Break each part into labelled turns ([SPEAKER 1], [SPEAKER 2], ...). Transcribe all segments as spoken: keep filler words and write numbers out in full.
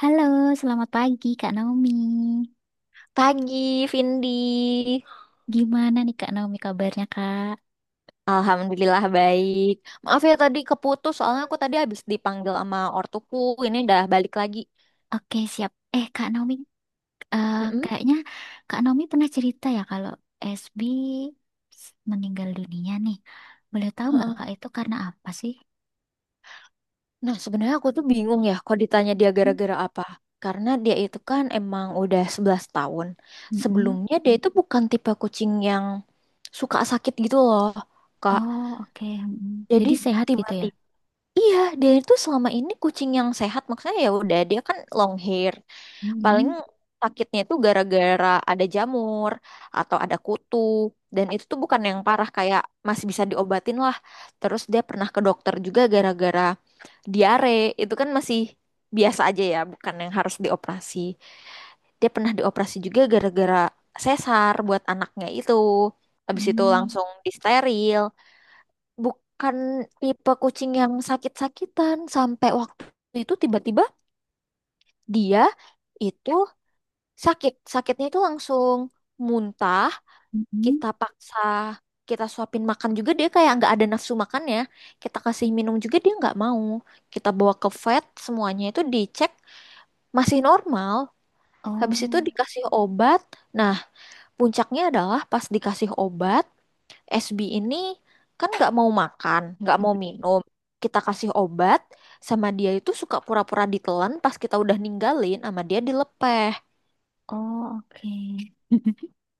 [SPEAKER 1] Halo, selamat pagi Kak Naomi.
[SPEAKER 2] Pagi, Vindi.
[SPEAKER 1] Gimana nih Kak Naomi kabarnya, Kak?
[SPEAKER 2] Alhamdulillah baik. Maaf ya tadi keputus, soalnya aku tadi habis dipanggil sama ortuku. Ini udah balik lagi.
[SPEAKER 1] Oke, siap. Eh Kak Naomi, eh,
[SPEAKER 2] Mm-mm,
[SPEAKER 1] kayaknya Kak Naomi pernah cerita ya kalau S B s- meninggal dunia nih. Boleh tahu nggak
[SPEAKER 2] heeh.
[SPEAKER 1] Kak itu karena apa sih?
[SPEAKER 2] Nah, sebenarnya aku tuh bingung ya kalau ditanya dia
[SPEAKER 1] Hmm,
[SPEAKER 2] gara-gara apa. Karena dia itu kan emang udah sebelas tahun.
[SPEAKER 1] mm-mm.
[SPEAKER 2] Sebelumnya dia itu bukan tipe kucing yang suka sakit gitu loh, Kak.
[SPEAKER 1] Oh, oke. Mm-mm.
[SPEAKER 2] Jadi
[SPEAKER 1] Jadi sehat gitu ya?
[SPEAKER 2] tiba-tiba iya, dia itu selama ini kucing yang sehat. Maksudnya ya udah, dia kan long hair. Paling
[SPEAKER 1] Mm-mm,
[SPEAKER 2] sakitnya itu gara-gara ada jamur atau ada kutu. Dan itu tuh bukan yang parah, kayak masih bisa diobatin lah. Terus dia pernah ke dokter juga gara-gara diare. Itu kan masih biasa aja ya, bukan yang harus dioperasi. Dia pernah dioperasi juga gara-gara sesar buat anaknya itu. Habis itu
[SPEAKER 1] mm,
[SPEAKER 2] langsung disteril. Bukan tipe kucing yang sakit-sakitan sampai waktu itu tiba-tiba dia itu sakit, sakitnya itu langsung muntah,
[SPEAKER 1] mm-mm.
[SPEAKER 2] kita paksa, kita suapin makan juga dia kayak nggak ada nafsu makannya. Kita kasih minum juga dia nggak mau. Kita bawa ke vet, semuanya itu dicek masih normal.
[SPEAKER 1] Oh,
[SPEAKER 2] Habis itu dikasih obat. Nah, puncaknya adalah pas dikasih obat, S B ini kan nggak mau makan, nggak
[SPEAKER 1] mm,
[SPEAKER 2] mau minum. Kita kasih obat, sama dia itu suka pura-pura ditelan pas kita udah ninggalin, sama dia dilepeh.
[SPEAKER 1] oh oke.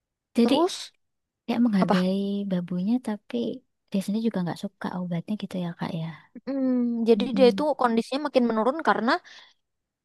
[SPEAKER 1] Jadi
[SPEAKER 2] Terus
[SPEAKER 1] ya
[SPEAKER 2] apa?
[SPEAKER 1] menghargai babunya, tapi dia sendiri juga nggak suka obatnya gitu ya Kak ya.
[SPEAKER 2] Hmm, jadi dia itu
[SPEAKER 1] Mm-mm.
[SPEAKER 2] kondisinya makin menurun karena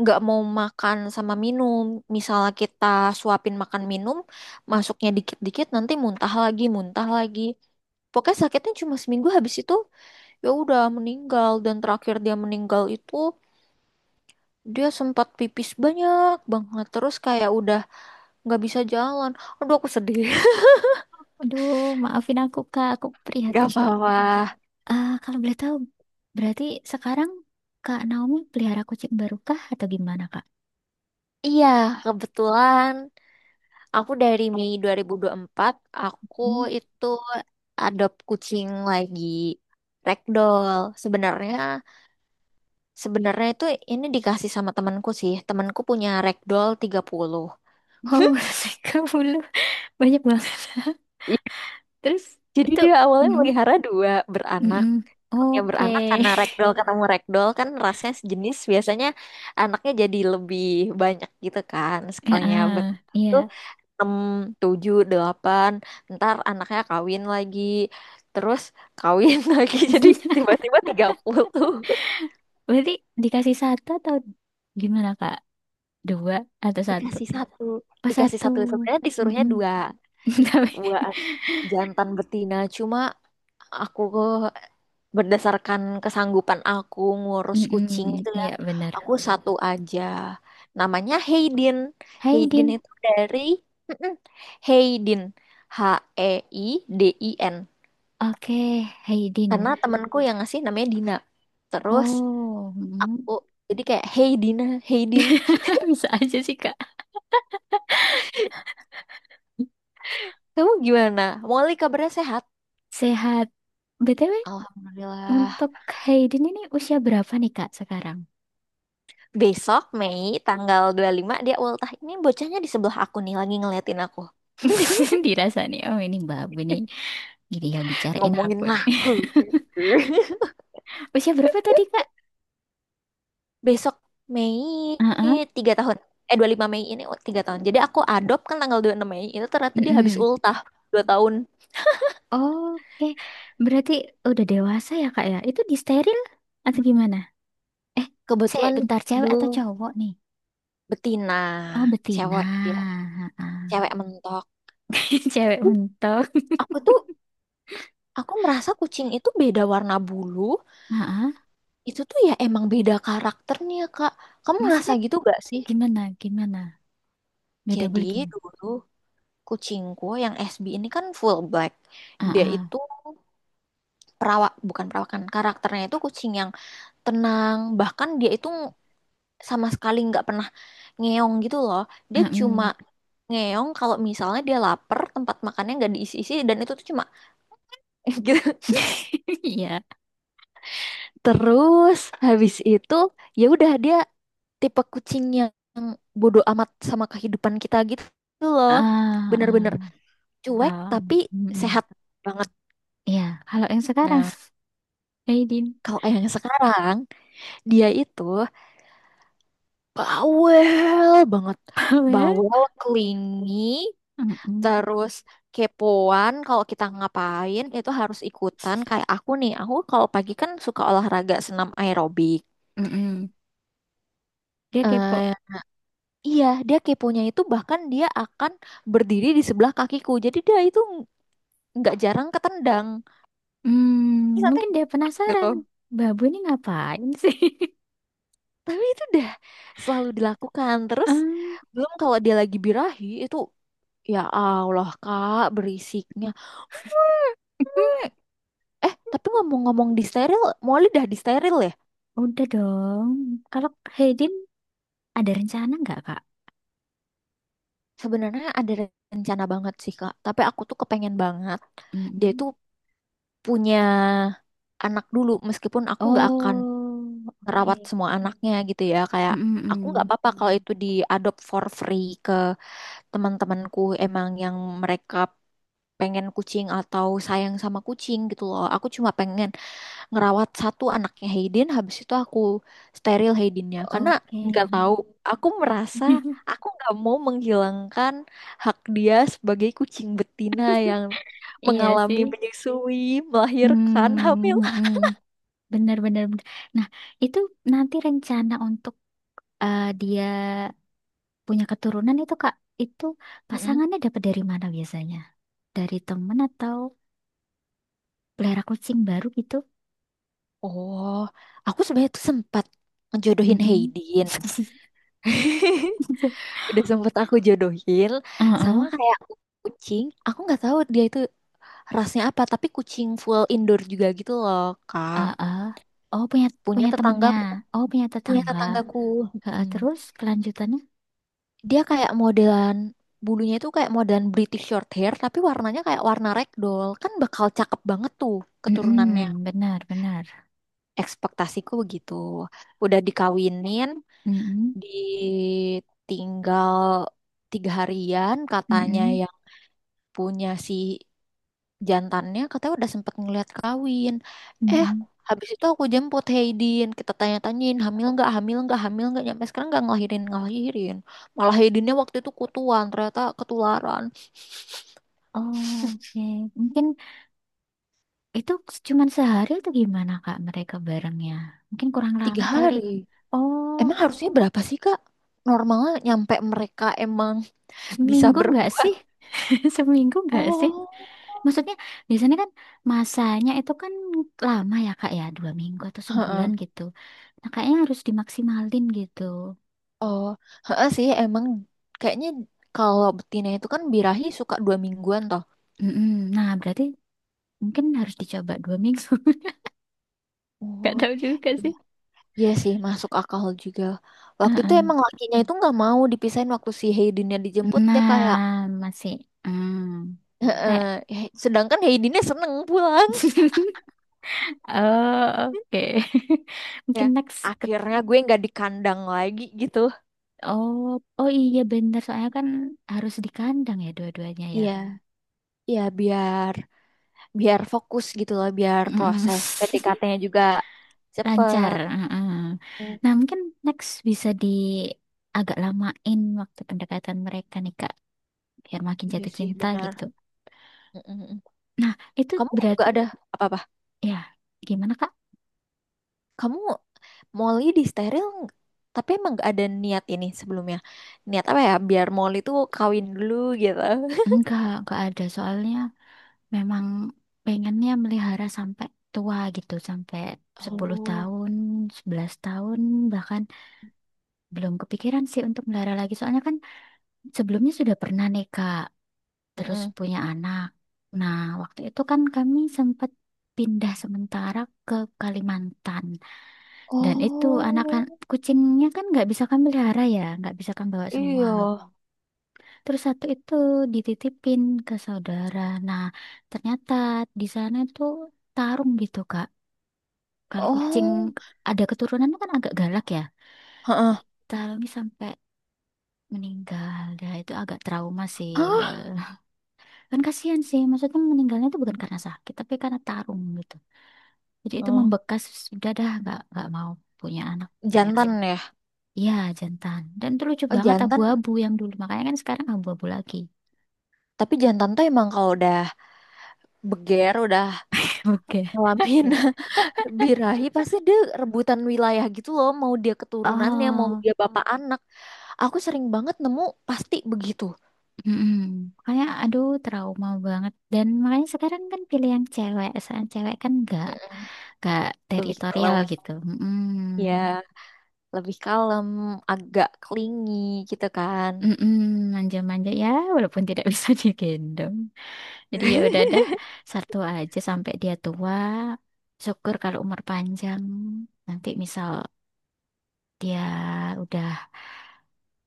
[SPEAKER 2] nggak mau makan sama minum. Misalnya kita suapin makan minum, masuknya dikit-dikit, nanti muntah lagi, muntah lagi. Pokoknya sakitnya cuma seminggu, habis itu ya udah meninggal, dan terakhir dia meninggal itu dia sempat pipis banyak banget terus kayak udah nggak bisa jalan. Aduh aku sedih.
[SPEAKER 1] Aduh, maafin aku Kak, aku
[SPEAKER 2] Gak
[SPEAKER 1] prihatin banget.
[SPEAKER 2] apa-apa.
[SPEAKER 1] Ah, kalau boleh tahu berarti sekarang Kak Naomi pelihara kucing baru kah atau gimana Kak?
[SPEAKER 2] Iya, kebetulan aku dari Mei dua dua ribu dua puluh empat aku
[SPEAKER 1] Hmm.
[SPEAKER 2] itu adopt kucing lagi ragdoll. Sebenarnya sebenarnya itu ini dikasih sama temanku sih. Temanku punya ragdoll tiga puluh.
[SPEAKER 1] Wow, tiga puluh, banyak banget.
[SPEAKER 2] Iya.
[SPEAKER 1] Terus
[SPEAKER 2] Jadi
[SPEAKER 1] itu,
[SPEAKER 2] dia awalnya
[SPEAKER 1] mm-mm,
[SPEAKER 2] melihara dua beranak.
[SPEAKER 1] mm-mm.
[SPEAKER 2] Yang
[SPEAKER 1] Oke.
[SPEAKER 2] beranak karena ragdoll ketemu ragdoll kan rasnya sejenis, biasanya anaknya jadi lebih banyak gitu kan.
[SPEAKER 1] Ya,
[SPEAKER 2] Sekalinya
[SPEAKER 1] ah,
[SPEAKER 2] beranak
[SPEAKER 1] iya.
[SPEAKER 2] tuh enam, tujuh delapan. Ntar anaknya kawin lagi. Terus kawin lagi. Jadi tiba-tiba tiga puluh.
[SPEAKER 1] Berarti dikasih satu atau gimana Kak? Dua atau satu?
[SPEAKER 2] Dikasih satu,
[SPEAKER 1] Pas
[SPEAKER 2] dikasih
[SPEAKER 1] satu.
[SPEAKER 2] satu sebenarnya disuruhnya
[SPEAKER 1] Mm-mm.
[SPEAKER 2] dua,
[SPEAKER 1] Tapi,
[SPEAKER 2] dua jantan betina, cuma aku berdasarkan kesanggupan aku ngurus kucing
[SPEAKER 1] mm,
[SPEAKER 2] gitu ya,
[SPEAKER 1] ya benar.
[SPEAKER 2] aku satu aja. Namanya Hayden.
[SPEAKER 1] Hai
[SPEAKER 2] Hayden
[SPEAKER 1] Din.
[SPEAKER 2] itu dari mm-mm. Hayden, H, E, I, D, I, N,
[SPEAKER 1] Oke, Hai Din.
[SPEAKER 2] karena temanku yang ngasih namanya Dina. Terus
[SPEAKER 1] Oh, mm.
[SPEAKER 2] oh, jadi kayak Hey Dina, Hayden.
[SPEAKER 1] Bisa aja sih Kak.
[SPEAKER 2] Kamu gimana Molly, kabarnya sehat?
[SPEAKER 1] Sehat. B T W,
[SPEAKER 2] Alhamdulillah.
[SPEAKER 1] untuk Hai Din ini usia berapa nih Kak sekarang?
[SPEAKER 2] Besok Mei tanggal dua puluh lima dia ultah. Ini bocahnya di sebelah aku nih lagi ngeliatin aku.
[SPEAKER 1] Dirasa nih, oh ini babu nih. Gini ya bicarain
[SPEAKER 2] Ngomongin
[SPEAKER 1] aku nih.
[SPEAKER 2] aku.
[SPEAKER 1] Usia berapa tadi Kak?
[SPEAKER 2] Besok Mei
[SPEAKER 1] Heeh.
[SPEAKER 2] tiga tahun. Eh dua puluh lima Mei ini, oh, tiga tahun. Jadi aku adopt kan tanggal dua puluh enam Mei. Itu ternyata dia habis
[SPEAKER 1] Mm-mm.
[SPEAKER 2] ultah dua tahun.
[SPEAKER 1] Oke, berarti udah dewasa ya Kak ya? Itu disteril atau gimana? Eh, se
[SPEAKER 2] Kebetulan
[SPEAKER 1] bentar, cewek atau
[SPEAKER 2] belum,
[SPEAKER 1] cowok nih?
[SPEAKER 2] betina.
[SPEAKER 1] Oh, betina.
[SPEAKER 2] Cewek dia.
[SPEAKER 1] Heeh.
[SPEAKER 2] Cewek mentok.
[SPEAKER 1] Cewek untuk,
[SPEAKER 2] Aku tuh aku merasa kucing itu beda warna bulu.
[SPEAKER 1] heeh.
[SPEAKER 2] Itu tuh ya emang beda karakternya, Kak. Kamu ngerasa
[SPEAKER 1] Maksudnya
[SPEAKER 2] gitu gak sih?
[SPEAKER 1] gimana? Gimana? Beda
[SPEAKER 2] Jadi
[SPEAKER 1] boleh gimana?
[SPEAKER 2] dulu kucingku yang S B ini kan full black. Dia
[SPEAKER 1] Heeh.
[SPEAKER 2] itu perawak, bukan perawakan. Karakternya itu kucing yang tenang, bahkan dia itu sama sekali nggak pernah ngeong gitu loh. Dia cuma
[SPEAKER 1] Heeh.
[SPEAKER 2] ngeong kalau misalnya dia lapar, tempat makannya nggak diisi-isi, dan itu tuh cuma gitu.
[SPEAKER 1] Iya.
[SPEAKER 2] Terus habis itu ya udah, dia tipe kucing yang bodoh amat sama kehidupan kita gitu loh.
[SPEAKER 1] Ah,
[SPEAKER 2] Bener-bener
[SPEAKER 1] ah.
[SPEAKER 2] cuek
[SPEAKER 1] Kalau,
[SPEAKER 2] tapi
[SPEAKER 1] mm.
[SPEAKER 2] sehat banget.
[SPEAKER 1] Ya, kalau yang sekarang,
[SPEAKER 2] Nah,
[SPEAKER 1] Aidin
[SPEAKER 2] kalau yang sekarang, dia itu bawel banget.
[SPEAKER 1] Powell,
[SPEAKER 2] Bawel, clingy,
[SPEAKER 1] mm,
[SPEAKER 2] terus kepoan. Kalau kita ngapain itu harus ikutan. Kayak aku nih, aku kalau pagi kan suka olahraga senam aerobik.
[SPEAKER 1] dia kepo.
[SPEAKER 2] Eh, iya, dia keponya itu bahkan dia akan berdiri di sebelah kakiku. Jadi dia itu nggak jarang ketendang. Terus
[SPEAKER 1] Hmm,
[SPEAKER 2] nanti
[SPEAKER 1] mungkin dia
[SPEAKER 2] gitu.
[SPEAKER 1] penasaran. Babu ini ngapain sih?
[SPEAKER 2] Tapi itu udah selalu dilakukan. Terus
[SPEAKER 1] Hmm,
[SPEAKER 2] belum kalau dia lagi birahi itu, ya Allah Kak berisiknya. Eh, tapi ngomong-ngomong di steril, Molly dah di steril ya?
[SPEAKER 1] udah dong. Kalau Haydin ada rencana nggak, Kak?
[SPEAKER 2] Sebenarnya ada rencana banget sih, Kak. Tapi aku tuh kepengen banget dia
[SPEAKER 1] Mm-mm.
[SPEAKER 2] tuh punya anak dulu, meskipun aku nggak akan
[SPEAKER 1] Oh, oke.
[SPEAKER 2] merawat semua anaknya gitu ya. Kayak aku nggak
[SPEAKER 1] Mm-mm-mm.
[SPEAKER 2] apa-apa kalau itu diadopt for free ke teman-temanku emang yang mereka pengen kucing atau sayang sama kucing gitu loh. Aku cuma pengen ngerawat satu anaknya Hayden, habis itu aku steril Haydennya karena
[SPEAKER 1] Oke.
[SPEAKER 2] nggak tahu, aku merasa aku nggak mau menghilangkan hak dia sebagai kucing betina yang
[SPEAKER 1] Iya
[SPEAKER 2] mengalami
[SPEAKER 1] sih.
[SPEAKER 2] menyusui, melahirkan, hamil.
[SPEAKER 1] Hmm, benar-benar. Nah, itu nanti rencana untuk, eh, dia punya keturunan itu Kak, itu
[SPEAKER 2] Mm-mm.
[SPEAKER 1] pasangannya dapat dari mana biasanya? Dari temen atau pelihara kucing baru gitu?
[SPEAKER 2] Oh, aku sebenarnya tuh sempat ngejodohin
[SPEAKER 1] Mm-mm.
[SPEAKER 2] Hayden. Udah sempet aku jodohin sama
[SPEAKER 1] Heeh,
[SPEAKER 2] kayak kucing, aku nggak tahu dia itu rasnya apa tapi kucing full indoor juga gitu loh, kak.
[SPEAKER 1] heeh. Oh, punya
[SPEAKER 2] Punya
[SPEAKER 1] punya
[SPEAKER 2] tetangga,
[SPEAKER 1] temennya. Oh, punya
[SPEAKER 2] punya
[SPEAKER 1] tetangga.
[SPEAKER 2] tetanggaku.
[SPEAKER 1] Heeh,
[SPEAKER 2] mm,
[SPEAKER 1] terus kelanjutannya?
[SPEAKER 2] Dia kayak modelan bulunya itu kayak modelan British short hair, tapi warnanya kayak warna ragdoll, kan bakal cakep banget tuh keturunannya.
[SPEAKER 1] Mm-mm, benar, benar.
[SPEAKER 2] Ekspektasiku begitu. Udah dikawinin,
[SPEAKER 1] Mm-mm,
[SPEAKER 2] ditinggal tiga harian, katanya
[SPEAKER 1] mm-mm,
[SPEAKER 2] yang punya si jantannya katanya udah sempet ngeliat kawin. Eh,
[SPEAKER 1] mm-mm.
[SPEAKER 2] habis itu aku jemput Haydin. Kita tanya-tanyain, hamil nggak, hamil nggak, hamil nggak. Nyampe sekarang nggak ngelahirin, ngelahirin. Malah Haydinnya waktu itu kutuan, ternyata ketularan.
[SPEAKER 1] Oke, mungkin itu cuman sehari atau gimana Kak mereka barengnya? Mungkin kurang
[SPEAKER 2] Tiga
[SPEAKER 1] lama kali.
[SPEAKER 2] hari.
[SPEAKER 1] Oh,
[SPEAKER 2] Emang harusnya berapa sih, Kak? Normalnya nyampe mereka emang bisa
[SPEAKER 1] seminggu nggak
[SPEAKER 2] berbuat.
[SPEAKER 1] sih? Seminggu nggak sih?
[SPEAKER 2] Oh,
[SPEAKER 1] Maksudnya biasanya kan masanya itu kan lama ya Kak ya, dua minggu atau sebulan
[SPEAKER 2] heeh.
[SPEAKER 1] gitu. Nah, kayaknya harus dimaksimalin gitu.
[SPEAKER 2] Oh, heeh sih emang, kayaknya kalau betina itu kan birahi suka dua mingguan toh.
[SPEAKER 1] Mm-mm. Nah, berarti mungkin harus dicoba dua minggu. Gak
[SPEAKER 2] Oh,
[SPEAKER 1] tahu juga sih.
[SPEAKER 2] iya sih, masuk akal juga. Waktu itu
[SPEAKER 1] Heeh.
[SPEAKER 2] emang lakinya itu nggak mau dipisahin waktu si Heidinnya dijemput, dia kayak,
[SPEAKER 1] Nah, masih. Hmm, kayak.
[SPEAKER 2] "Heeh." He- sedangkan Heidinnya seneng pulang.
[SPEAKER 1] Oh, oke.
[SPEAKER 2] Ya,
[SPEAKER 1] Mungkin next ke...
[SPEAKER 2] akhirnya gue nggak di kandang lagi gitu.
[SPEAKER 1] Oh, oh iya bener. Soalnya kan harus di kandang ya dua-duanya ya.
[SPEAKER 2] Iya, iya biar biar fokus gitu lah, biar
[SPEAKER 1] Mm-mm.
[SPEAKER 2] proses P D K T-nya juga
[SPEAKER 1] Lancar.
[SPEAKER 2] cepet.
[SPEAKER 1] Mm-mm.
[SPEAKER 2] Mm,
[SPEAKER 1] Nah, mungkin next bisa di agak lamain waktu pendekatan mereka nih, Kak. Biar makin
[SPEAKER 2] iya
[SPEAKER 1] jatuh
[SPEAKER 2] sih,
[SPEAKER 1] cinta
[SPEAKER 2] benar.
[SPEAKER 1] gitu.
[SPEAKER 2] Mm, mm, mm.
[SPEAKER 1] Nah, itu
[SPEAKER 2] Kamu
[SPEAKER 1] berat
[SPEAKER 2] nggak ada apa-apa?
[SPEAKER 1] ya. Gimana, Kak?
[SPEAKER 2] Kamu Molly di steril ng- tapi emang gak ada niat ini sebelumnya. Niat apa ya? Biar Molly tuh kawin dulu gitu.
[SPEAKER 1] Enggak, enggak ada. Soalnya memang pengennya melihara sampai tua gitu, sampai sepuluh
[SPEAKER 2] Oh.
[SPEAKER 1] tahun, sebelas tahun, bahkan belum kepikiran sih untuk melihara lagi. Soalnya kan sebelumnya sudah pernah nih Kak, terus
[SPEAKER 2] Mm-mm.
[SPEAKER 1] punya anak. Nah, waktu itu kan kami sempat pindah sementara ke Kalimantan. Dan itu anak kan
[SPEAKER 2] Oh,
[SPEAKER 1] kucingnya kan nggak bisa kami pelihara ya, nggak bisa kami bawa semua.
[SPEAKER 2] iya.
[SPEAKER 1] Terus satu itu dititipin ke saudara. Nah, ternyata di sana itu tarung gitu Kak. Kalau kucing
[SPEAKER 2] Oh,
[SPEAKER 1] ada keturunan itu kan agak galak ya.
[SPEAKER 2] heeh.
[SPEAKER 1] Tarungi sampai meninggal, ya itu agak trauma sih. Ya.
[SPEAKER 2] Hah?
[SPEAKER 1] Kan kasihan sih, maksudnya meninggalnya itu bukan karena sakit, tapi karena tarung gitu. Jadi itu
[SPEAKER 2] Oh,
[SPEAKER 1] membekas, sudah dah nggak nggak mau punya anak
[SPEAKER 2] jantan
[SPEAKER 1] kucing.
[SPEAKER 2] ya.
[SPEAKER 1] Iya jantan. Dan itu lucu
[SPEAKER 2] Oh,
[SPEAKER 1] banget
[SPEAKER 2] jantan.
[SPEAKER 1] abu-abu yang dulu, makanya kan sekarang abu-abu lagi.
[SPEAKER 2] Tapi jantan tuh emang kalau udah beger, udah
[SPEAKER 1] Oke.
[SPEAKER 2] ngalamin birahi, pasti dia rebutan wilayah gitu loh. Mau dia keturunannya, mau
[SPEAKER 1] Oh,
[SPEAKER 2] dia bapak anak. Aku sering banget nemu pasti begitu.
[SPEAKER 1] mm-mm. Makanya aduh trauma banget dan makanya sekarang kan pilihan cewek soal cewek kan nggak
[SPEAKER 2] Mm-mm.
[SPEAKER 1] nggak
[SPEAKER 2] Lebih kalau
[SPEAKER 1] teritorial gitu.
[SPEAKER 2] ya.
[SPEAKER 1] Mm-mm.
[SPEAKER 2] Lebih kalem, agak clingy gitu kan.
[SPEAKER 1] Mm-mm. Manja-manja ya walaupun tidak bisa digendong, jadi ya udah dah satu aja sampai dia tua, syukur kalau umur panjang, nanti misal dia udah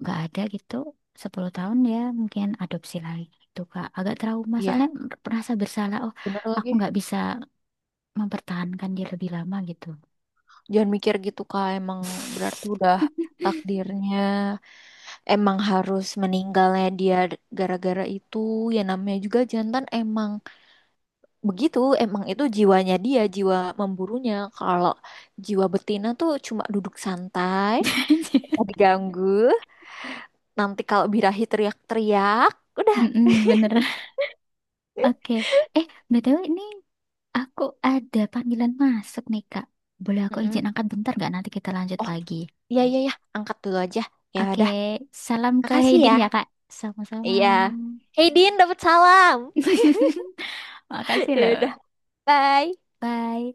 [SPEAKER 1] nggak ada gitu sepuluh tahun ya mungkin adopsi lagi gitu Kak, agak trauma soalnya,
[SPEAKER 2] Iya,
[SPEAKER 1] merasa bersalah oh
[SPEAKER 2] bener
[SPEAKER 1] aku
[SPEAKER 2] lagi.
[SPEAKER 1] nggak bisa mempertahankan dia lebih lama gitu.
[SPEAKER 2] Jangan mikir gitu Kak, emang berarti udah takdirnya emang harus meninggalnya dia gara-gara itu. Ya namanya juga jantan emang begitu, emang itu jiwanya dia, jiwa memburunya. Kalau jiwa betina tuh cuma duduk santai, nggak usah diganggu. Nanti kalau birahi teriak-teriak, udah.
[SPEAKER 1] Mm-mm, bener. Oke. Eh, B T W ini aku ada panggilan masuk nih, Kak. Boleh aku
[SPEAKER 2] Mm-mm.
[SPEAKER 1] izin angkat bentar nggak? Nanti kita lanjut
[SPEAKER 2] Oh,
[SPEAKER 1] lagi.
[SPEAKER 2] iya iya ya, angkat dulu aja. Ya
[SPEAKER 1] Oke,
[SPEAKER 2] udah.
[SPEAKER 1] salam ke
[SPEAKER 2] Makasih
[SPEAKER 1] Haydin
[SPEAKER 2] ya.
[SPEAKER 1] ya, Kak. Sama-sama.
[SPEAKER 2] Iya. Hey Din, dapat salam.
[SPEAKER 1] Makasih
[SPEAKER 2] Ya
[SPEAKER 1] loh.
[SPEAKER 2] udah, bye.
[SPEAKER 1] Bye.